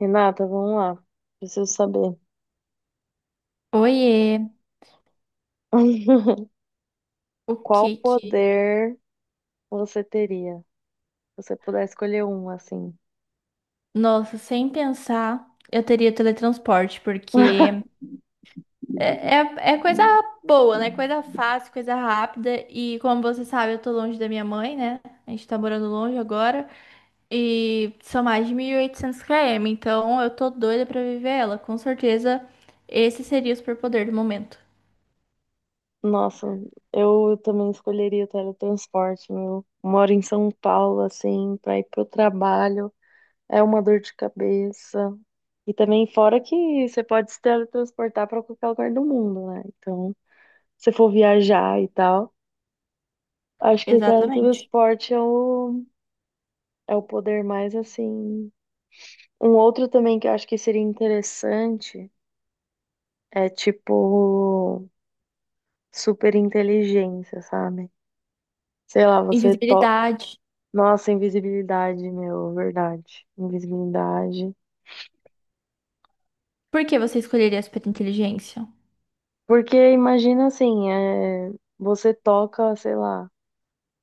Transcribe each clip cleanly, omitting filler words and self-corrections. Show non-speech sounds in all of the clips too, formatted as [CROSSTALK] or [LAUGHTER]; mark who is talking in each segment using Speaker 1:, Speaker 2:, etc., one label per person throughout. Speaker 1: Renata, vamos lá. Preciso saber.
Speaker 2: Oiê,
Speaker 1: [LAUGHS]
Speaker 2: o
Speaker 1: Qual
Speaker 2: que que...
Speaker 1: poder você teria? Se você puder escolher um, assim.
Speaker 2: Nossa, sem pensar, eu teria teletransporte, porque
Speaker 1: [LAUGHS]
Speaker 2: é coisa boa, né? Coisa fácil, coisa rápida. E como você sabe, eu tô longe da minha mãe, né? A gente tá morando longe agora. E são mais de 1.800 km, então eu tô doida pra viver ela. Com certeza, esse seria o superpoder do momento.
Speaker 1: Nossa, eu também escolheria o teletransporte, meu. Moro em São Paulo, assim, pra ir pro trabalho. É uma dor de cabeça. E também, fora que você pode se teletransportar pra qualquer lugar do mundo, né? Então, se for viajar e tal, acho que o
Speaker 2: Exatamente.
Speaker 1: teletransporte é o poder mais, assim. Um outro também que eu acho que seria interessante é tipo super inteligência, sabe? Sei lá, você to...
Speaker 2: Invisibilidade.
Speaker 1: Nossa, invisibilidade, meu, verdade. Invisibilidade.
Speaker 2: Por que você escolheria a superinteligência?
Speaker 1: Porque imagina assim, você toca, sei lá,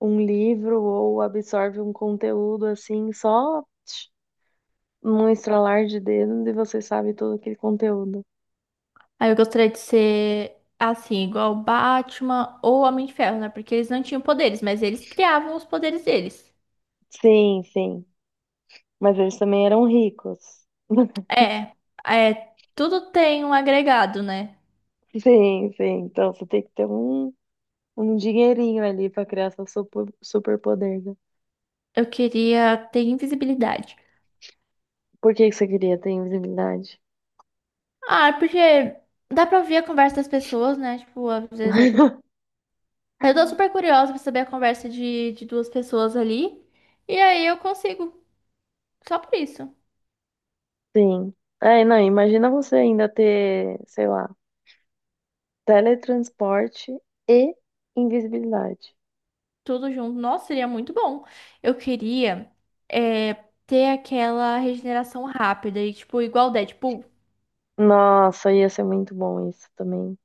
Speaker 1: um livro ou absorve um conteúdo assim, só tch, num estralar de dedos e você sabe todo aquele conteúdo.
Speaker 2: Aí eu gostaria de ser assim, igual o Batman ou o Homem de Ferro, né? Porque eles não tinham poderes, mas eles criavam os poderes deles.
Speaker 1: Sim, sim. Mas eles também eram ricos.
Speaker 2: É, é, tudo tem um agregado, né?
Speaker 1: [LAUGHS] Sim, sim. Então você tem que ter um dinheirinho ali pra criar seu superpoder, né?
Speaker 2: Eu queria ter invisibilidade.
Speaker 1: Por que você queria ter invisibilidade?
Speaker 2: Ah, porque dá pra ouvir a conversa das pessoas, né? Tipo, às vezes
Speaker 1: [LAUGHS]
Speaker 2: eu tô super curiosa pra saber a conversa de duas pessoas ali. E aí eu consigo, só por isso.
Speaker 1: Sim. É, não, imagina você ainda ter, sei lá, teletransporte e invisibilidade.
Speaker 2: Tudo junto. Nossa, seria muito bom. Eu queria é, ter aquela regeneração rápida e, tipo, igual o Deadpool.
Speaker 1: Nossa, ia ser muito bom isso também.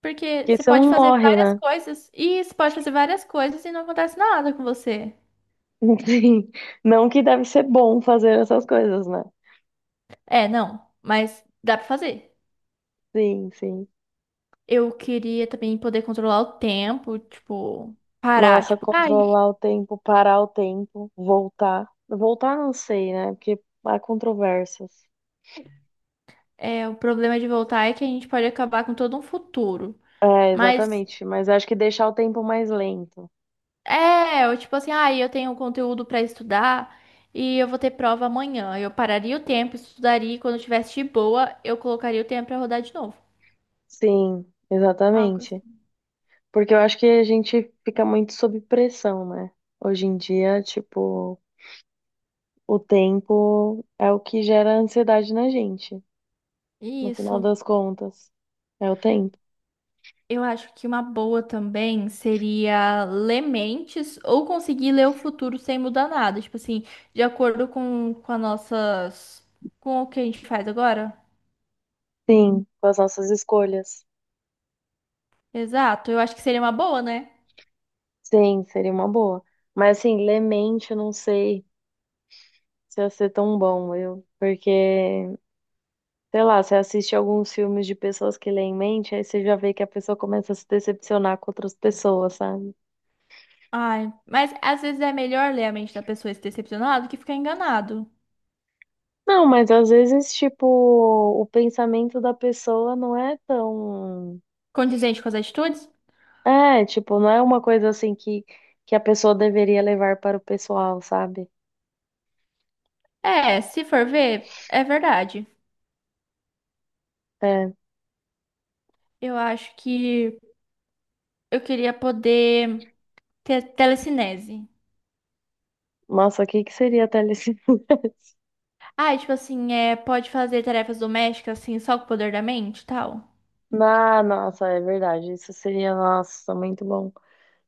Speaker 2: Porque
Speaker 1: Porque
Speaker 2: você
Speaker 1: você
Speaker 2: pode
Speaker 1: não
Speaker 2: fazer
Speaker 1: morre,
Speaker 2: várias
Speaker 1: né?
Speaker 2: coisas. E você pode fazer várias coisas e não acontece nada com você.
Speaker 1: [LAUGHS] Sim. Não que deve ser bom fazer essas coisas, né?
Speaker 2: É, não. Mas dá pra fazer.
Speaker 1: Sim, sim.
Speaker 2: Eu queria também poder controlar o tempo, tipo, parar.
Speaker 1: Nossa,
Speaker 2: Tipo, ai,
Speaker 1: controlar o tempo, parar o tempo, voltar. Voltar não sei, né? Porque há controvérsias.
Speaker 2: o problema de voltar é que a gente pode acabar com todo um futuro.
Speaker 1: É,
Speaker 2: Mas.
Speaker 1: exatamente. Mas acho que deixar o tempo mais lento.
Speaker 2: É, eu tipo assim, ah, eu tenho conteúdo pra estudar e eu vou ter prova amanhã. Eu pararia o tempo, estudaria e quando eu tivesse de boa, eu colocaria o tempo pra rodar de novo.
Speaker 1: Sim,
Speaker 2: Algo
Speaker 1: exatamente.
Speaker 2: assim.
Speaker 1: Porque eu acho que a gente fica muito sob pressão, né? Hoje em dia, tipo, o tempo é o que gera ansiedade na gente, no final
Speaker 2: Isso.
Speaker 1: das contas. É o tempo.
Speaker 2: Eu acho que uma boa também seria ler mentes ou conseguir ler o futuro sem mudar nada. Tipo assim, de acordo com as nossas. Com o que a gente faz agora.
Speaker 1: Sim, com as nossas escolhas.
Speaker 2: Exato. Eu acho que seria uma boa, né?
Speaker 1: Sim, seria uma boa. Mas assim, lemente, eu não sei se ia ser tão bom, eu, porque sei lá, você assiste alguns filmes de pessoas que lê em mente, aí você já vê que a pessoa começa a se decepcionar com outras pessoas, sabe?
Speaker 2: Ai, mas às vezes é melhor ler a mente da pessoa e se decepcionar do que ficar enganado.
Speaker 1: Não, mas às vezes, tipo, o pensamento da pessoa não é tão.
Speaker 2: Condizente com as atitudes?
Speaker 1: É, tipo, não é uma coisa assim que a pessoa deveria levar para o pessoal, sabe?
Speaker 2: É, se for ver, é verdade.
Speaker 1: É.
Speaker 2: Eu acho que eu queria poder ter telecinese.
Speaker 1: Nossa, o que seria telecine? [LAUGHS]
Speaker 2: Ah, e tipo assim, pode fazer tarefas domésticas assim, só com o poder da mente e tal.
Speaker 1: Ah, nossa, é verdade. Isso seria, nossa, muito bom.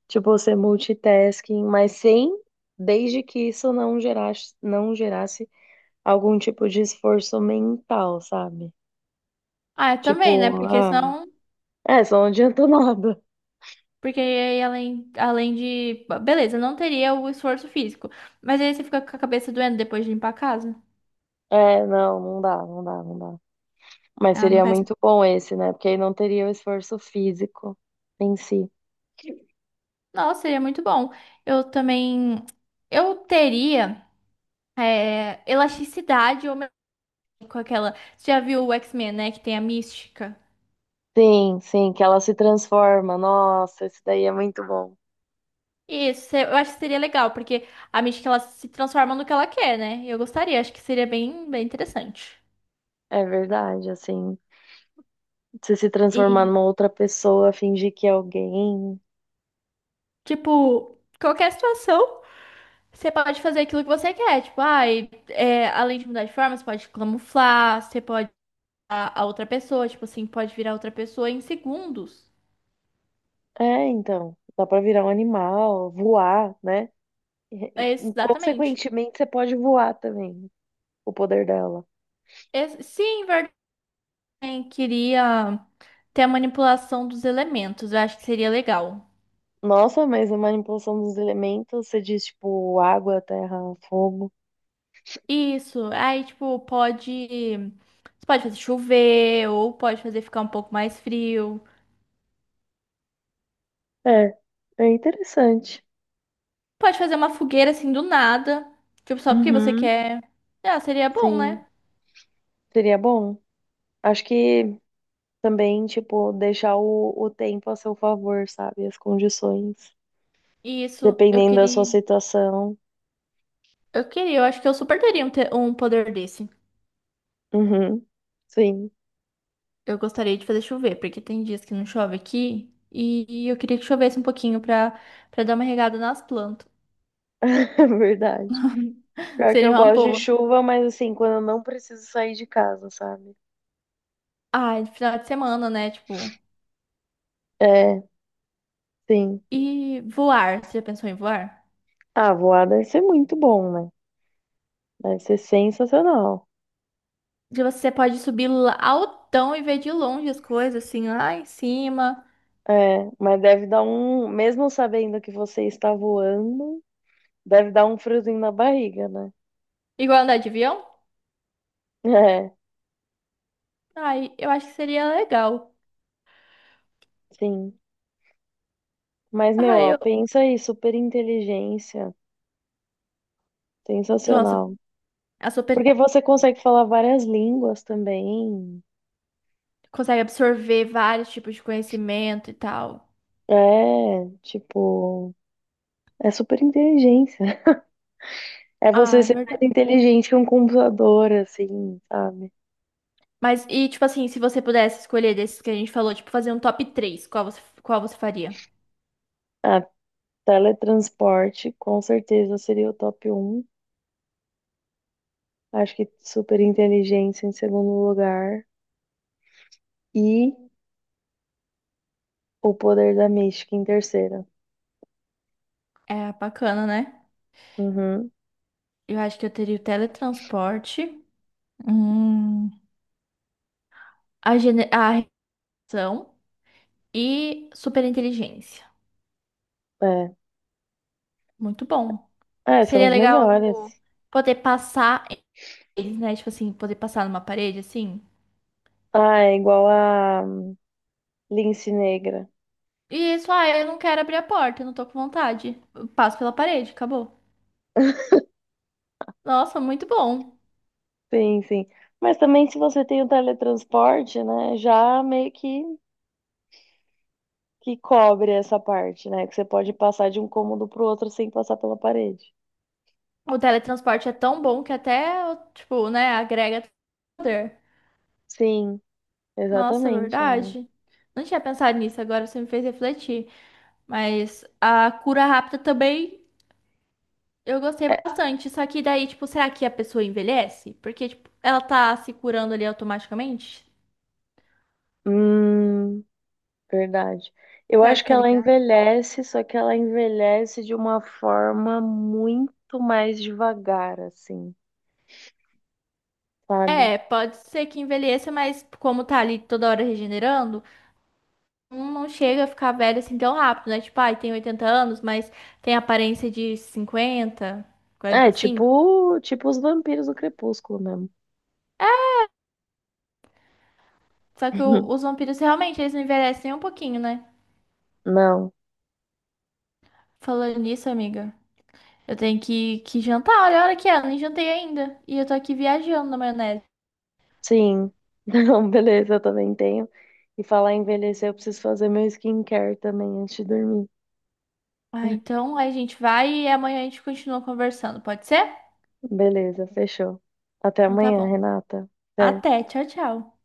Speaker 1: Tipo, você multitasking, mas sem, desde que isso não gerasse algum tipo de esforço mental, sabe?
Speaker 2: Ah, também, né?
Speaker 1: Tipo,
Speaker 2: Porque
Speaker 1: ah,
Speaker 2: senão.
Speaker 1: é, só não adiantou [LAUGHS] nada.
Speaker 2: Porque aí, além de. Beleza, não teria o esforço físico. Mas aí você fica com a cabeça doendo depois de limpar a casa.
Speaker 1: É, não, não dá. Mas
Speaker 2: Ah, não
Speaker 1: seria
Speaker 2: faz.
Speaker 1: muito bom esse, né? Porque aí não teria o esforço físico em si.
Speaker 2: Nossa, seria muito bom. Eu também. Eu teria. É, elasticidade ou com aquela. Você já viu o X-Men, né? Que tem a Mística?
Speaker 1: Sim, sim, que ela se transforma. Nossa, esse daí é muito bom.
Speaker 2: Isso, eu acho que seria legal, porque a Mística ela se transforma no que ela quer, né? Eu gostaria, acho que seria bem, bem interessante.
Speaker 1: É verdade, assim. Você se transformar
Speaker 2: E,
Speaker 1: numa outra pessoa, fingir que é alguém.
Speaker 2: tipo, qualquer situação, você pode fazer aquilo que você quer. Tipo, ai, além de mudar de forma, você pode camuflar, você pode virar a outra pessoa, tipo assim, pode virar outra pessoa em segundos.
Speaker 1: É, então. Dá pra virar um animal, voar, né? E,
Speaker 2: É,
Speaker 1: e
Speaker 2: exatamente.
Speaker 1: consequentemente, você pode voar também. O poder dela.
Speaker 2: Sim, verdade, queria ter a manipulação dos elementos, eu acho que seria legal.
Speaker 1: Nossa, mas a manipulação dos elementos, você diz tipo água, terra, fogo.
Speaker 2: Isso, aí tipo, pode. Você pode fazer chover, ou pode fazer ficar um pouco mais frio.
Speaker 1: É, é interessante.
Speaker 2: Pode fazer uma fogueira assim do nada. Tipo, só porque você
Speaker 1: Uhum.
Speaker 2: quer. Ah, seria bom,
Speaker 1: Sim,
Speaker 2: né?
Speaker 1: seria bom. Acho que também, tipo, deixar o tempo a seu favor, sabe? As condições.
Speaker 2: Isso, eu
Speaker 1: Dependendo da sua
Speaker 2: queria.
Speaker 1: situação.
Speaker 2: Eu queria, eu acho que eu super teria um poder desse.
Speaker 1: Uhum. Sim,
Speaker 2: Eu gostaria de fazer chover, porque tem dias que não chove aqui. E eu queria que chovesse um pouquinho pra dar uma regada nas plantas.
Speaker 1: [LAUGHS] é verdade.
Speaker 2: [LAUGHS]
Speaker 1: Pior que
Speaker 2: Seria
Speaker 1: eu
Speaker 2: uma
Speaker 1: gosto de
Speaker 2: boa.
Speaker 1: chuva, mas assim, quando eu não preciso sair de casa, sabe?
Speaker 2: Ah, final de semana, né? Tipo.
Speaker 1: É, sim.
Speaker 2: E voar, você já pensou em voar?
Speaker 1: Ah, voar deve ser muito bom, né? Deve ser sensacional.
Speaker 2: Que você pode subir lá altão e ver de longe as coisas, assim, lá em cima.
Speaker 1: É, mas deve dar um, mesmo sabendo que você está voando, deve dar um friozinho na barriga, né?
Speaker 2: Igual andar de avião?
Speaker 1: [LAUGHS] É,
Speaker 2: Ai, eu acho que seria legal.
Speaker 1: sim. Mas, meu,
Speaker 2: Ai,
Speaker 1: ó,
Speaker 2: eu...
Speaker 1: pensa aí, super inteligência,
Speaker 2: Nossa,
Speaker 1: sensacional.
Speaker 2: a sua pe-
Speaker 1: Porque você consegue falar várias línguas também.
Speaker 2: consegue absorver vários tipos de conhecimento e tal.
Speaker 1: É, tipo, é super inteligência. [LAUGHS] É você
Speaker 2: Ah, é
Speaker 1: ser mais
Speaker 2: verdade.
Speaker 1: inteligente que um computador, assim, sabe?
Speaker 2: Mas, e tipo assim, se você pudesse escolher desses que a gente falou, tipo, fazer um top três qual você faria?
Speaker 1: Ah, teletransporte, com certeza seria o top um. Acho que super inteligência em segundo lugar. E o Poder da Mística em terceira.
Speaker 2: É bacana, né?
Speaker 1: Uhum,
Speaker 2: Eu acho que eu teria o teletransporte, hum, a reação e superinteligência.
Speaker 1: é.
Speaker 2: Muito bom.
Speaker 1: É, são
Speaker 2: Seria
Speaker 1: os
Speaker 2: legal
Speaker 1: melhores.
Speaker 2: tipo, poder passar eles, né? Tipo assim, poder passar numa parede assim.
Speaker 1: Ah, é igual a Lince Negra.
Speaker 2: E isso, ah, eu não quero abrir a porta, eu não tô com vontade. Eu passo pela parede, acabou. Nossa, muito bom.
Speaker 1: Sim, sim. Mas também se você tem o teletransporte, né, já meio que cobre essa parte, né? Que você pode passar de um cômodo pro outro sem passar pela parede.
Speaker 2: O teletransporte é tão bom que até, tipo, né, agrega poder.
Speaker 1: Sim,
Speaker 2: Nossa,
Speaker 1: exatamente. É.
Speaker 2: verdade. Não tinha pensado nisso, agora você me fez refletir. Mas a cura rápida também eu gostei
Speaker 1: É,
Speaker 2: bastante. Só que daí, tipo, será que a pessoa envelhece? Porque, tipo, ela tá se curando ali automaticamente?
Speaker 1: hum, verdade. Eu
Speaker 2: Será
Speaker 1: acho
Speaker 2: que
Speaker 1: que
Speaker 2: tá
Speaker 1: ela
Speaker 2: ligado?
Speaker 1: envelhece, só que ela envelhece de uma forma muito mais devagar, assim, sabe?
Speaker 2: É, pode ser que envelheça, mas como tá ali toda hora regenerando, não chega a ficar velho assim tão rápido, né? Tipo, ai, tem 80 anos, mas tem aparência de 50, quarenta
Speaker 1: É,
Speaker 2: e cinco.
Speaker 1: tipo, tipo os vampiros do Crepúsculo mesmo.
Speaker 2: Só que os
Speaker 1: [LAUGHS]
Speaker 2: vampiros realmente, eles não envelhecem nem um pouquinho, né?
Speaker 1: Não,
Speaker 2: Falando nisso, amiga, eu tenho que jantar. Olha a hora que é, eu nem jantei ainda. E eu tô aqui viajando na maionese.
Speaker 1: sim. Não, beleza, eu também tenho. E falar em envelhecer, eu preciso fazer meu skincare também antes de dormir.
Speaker 2: Ah,
Speaker 1: [LAUGHS]
Speaker 2: então a gente vai e amanhã a gente continua conversando, pode ser?
Speaker 1: Beleza, fechou. Até
Speaker 2: Então tá
Speaker 1: amanhã,
Speaker 2: bom.
Speaker 1: Renata. Até.
Speaker 2: Até, tchau, tchau.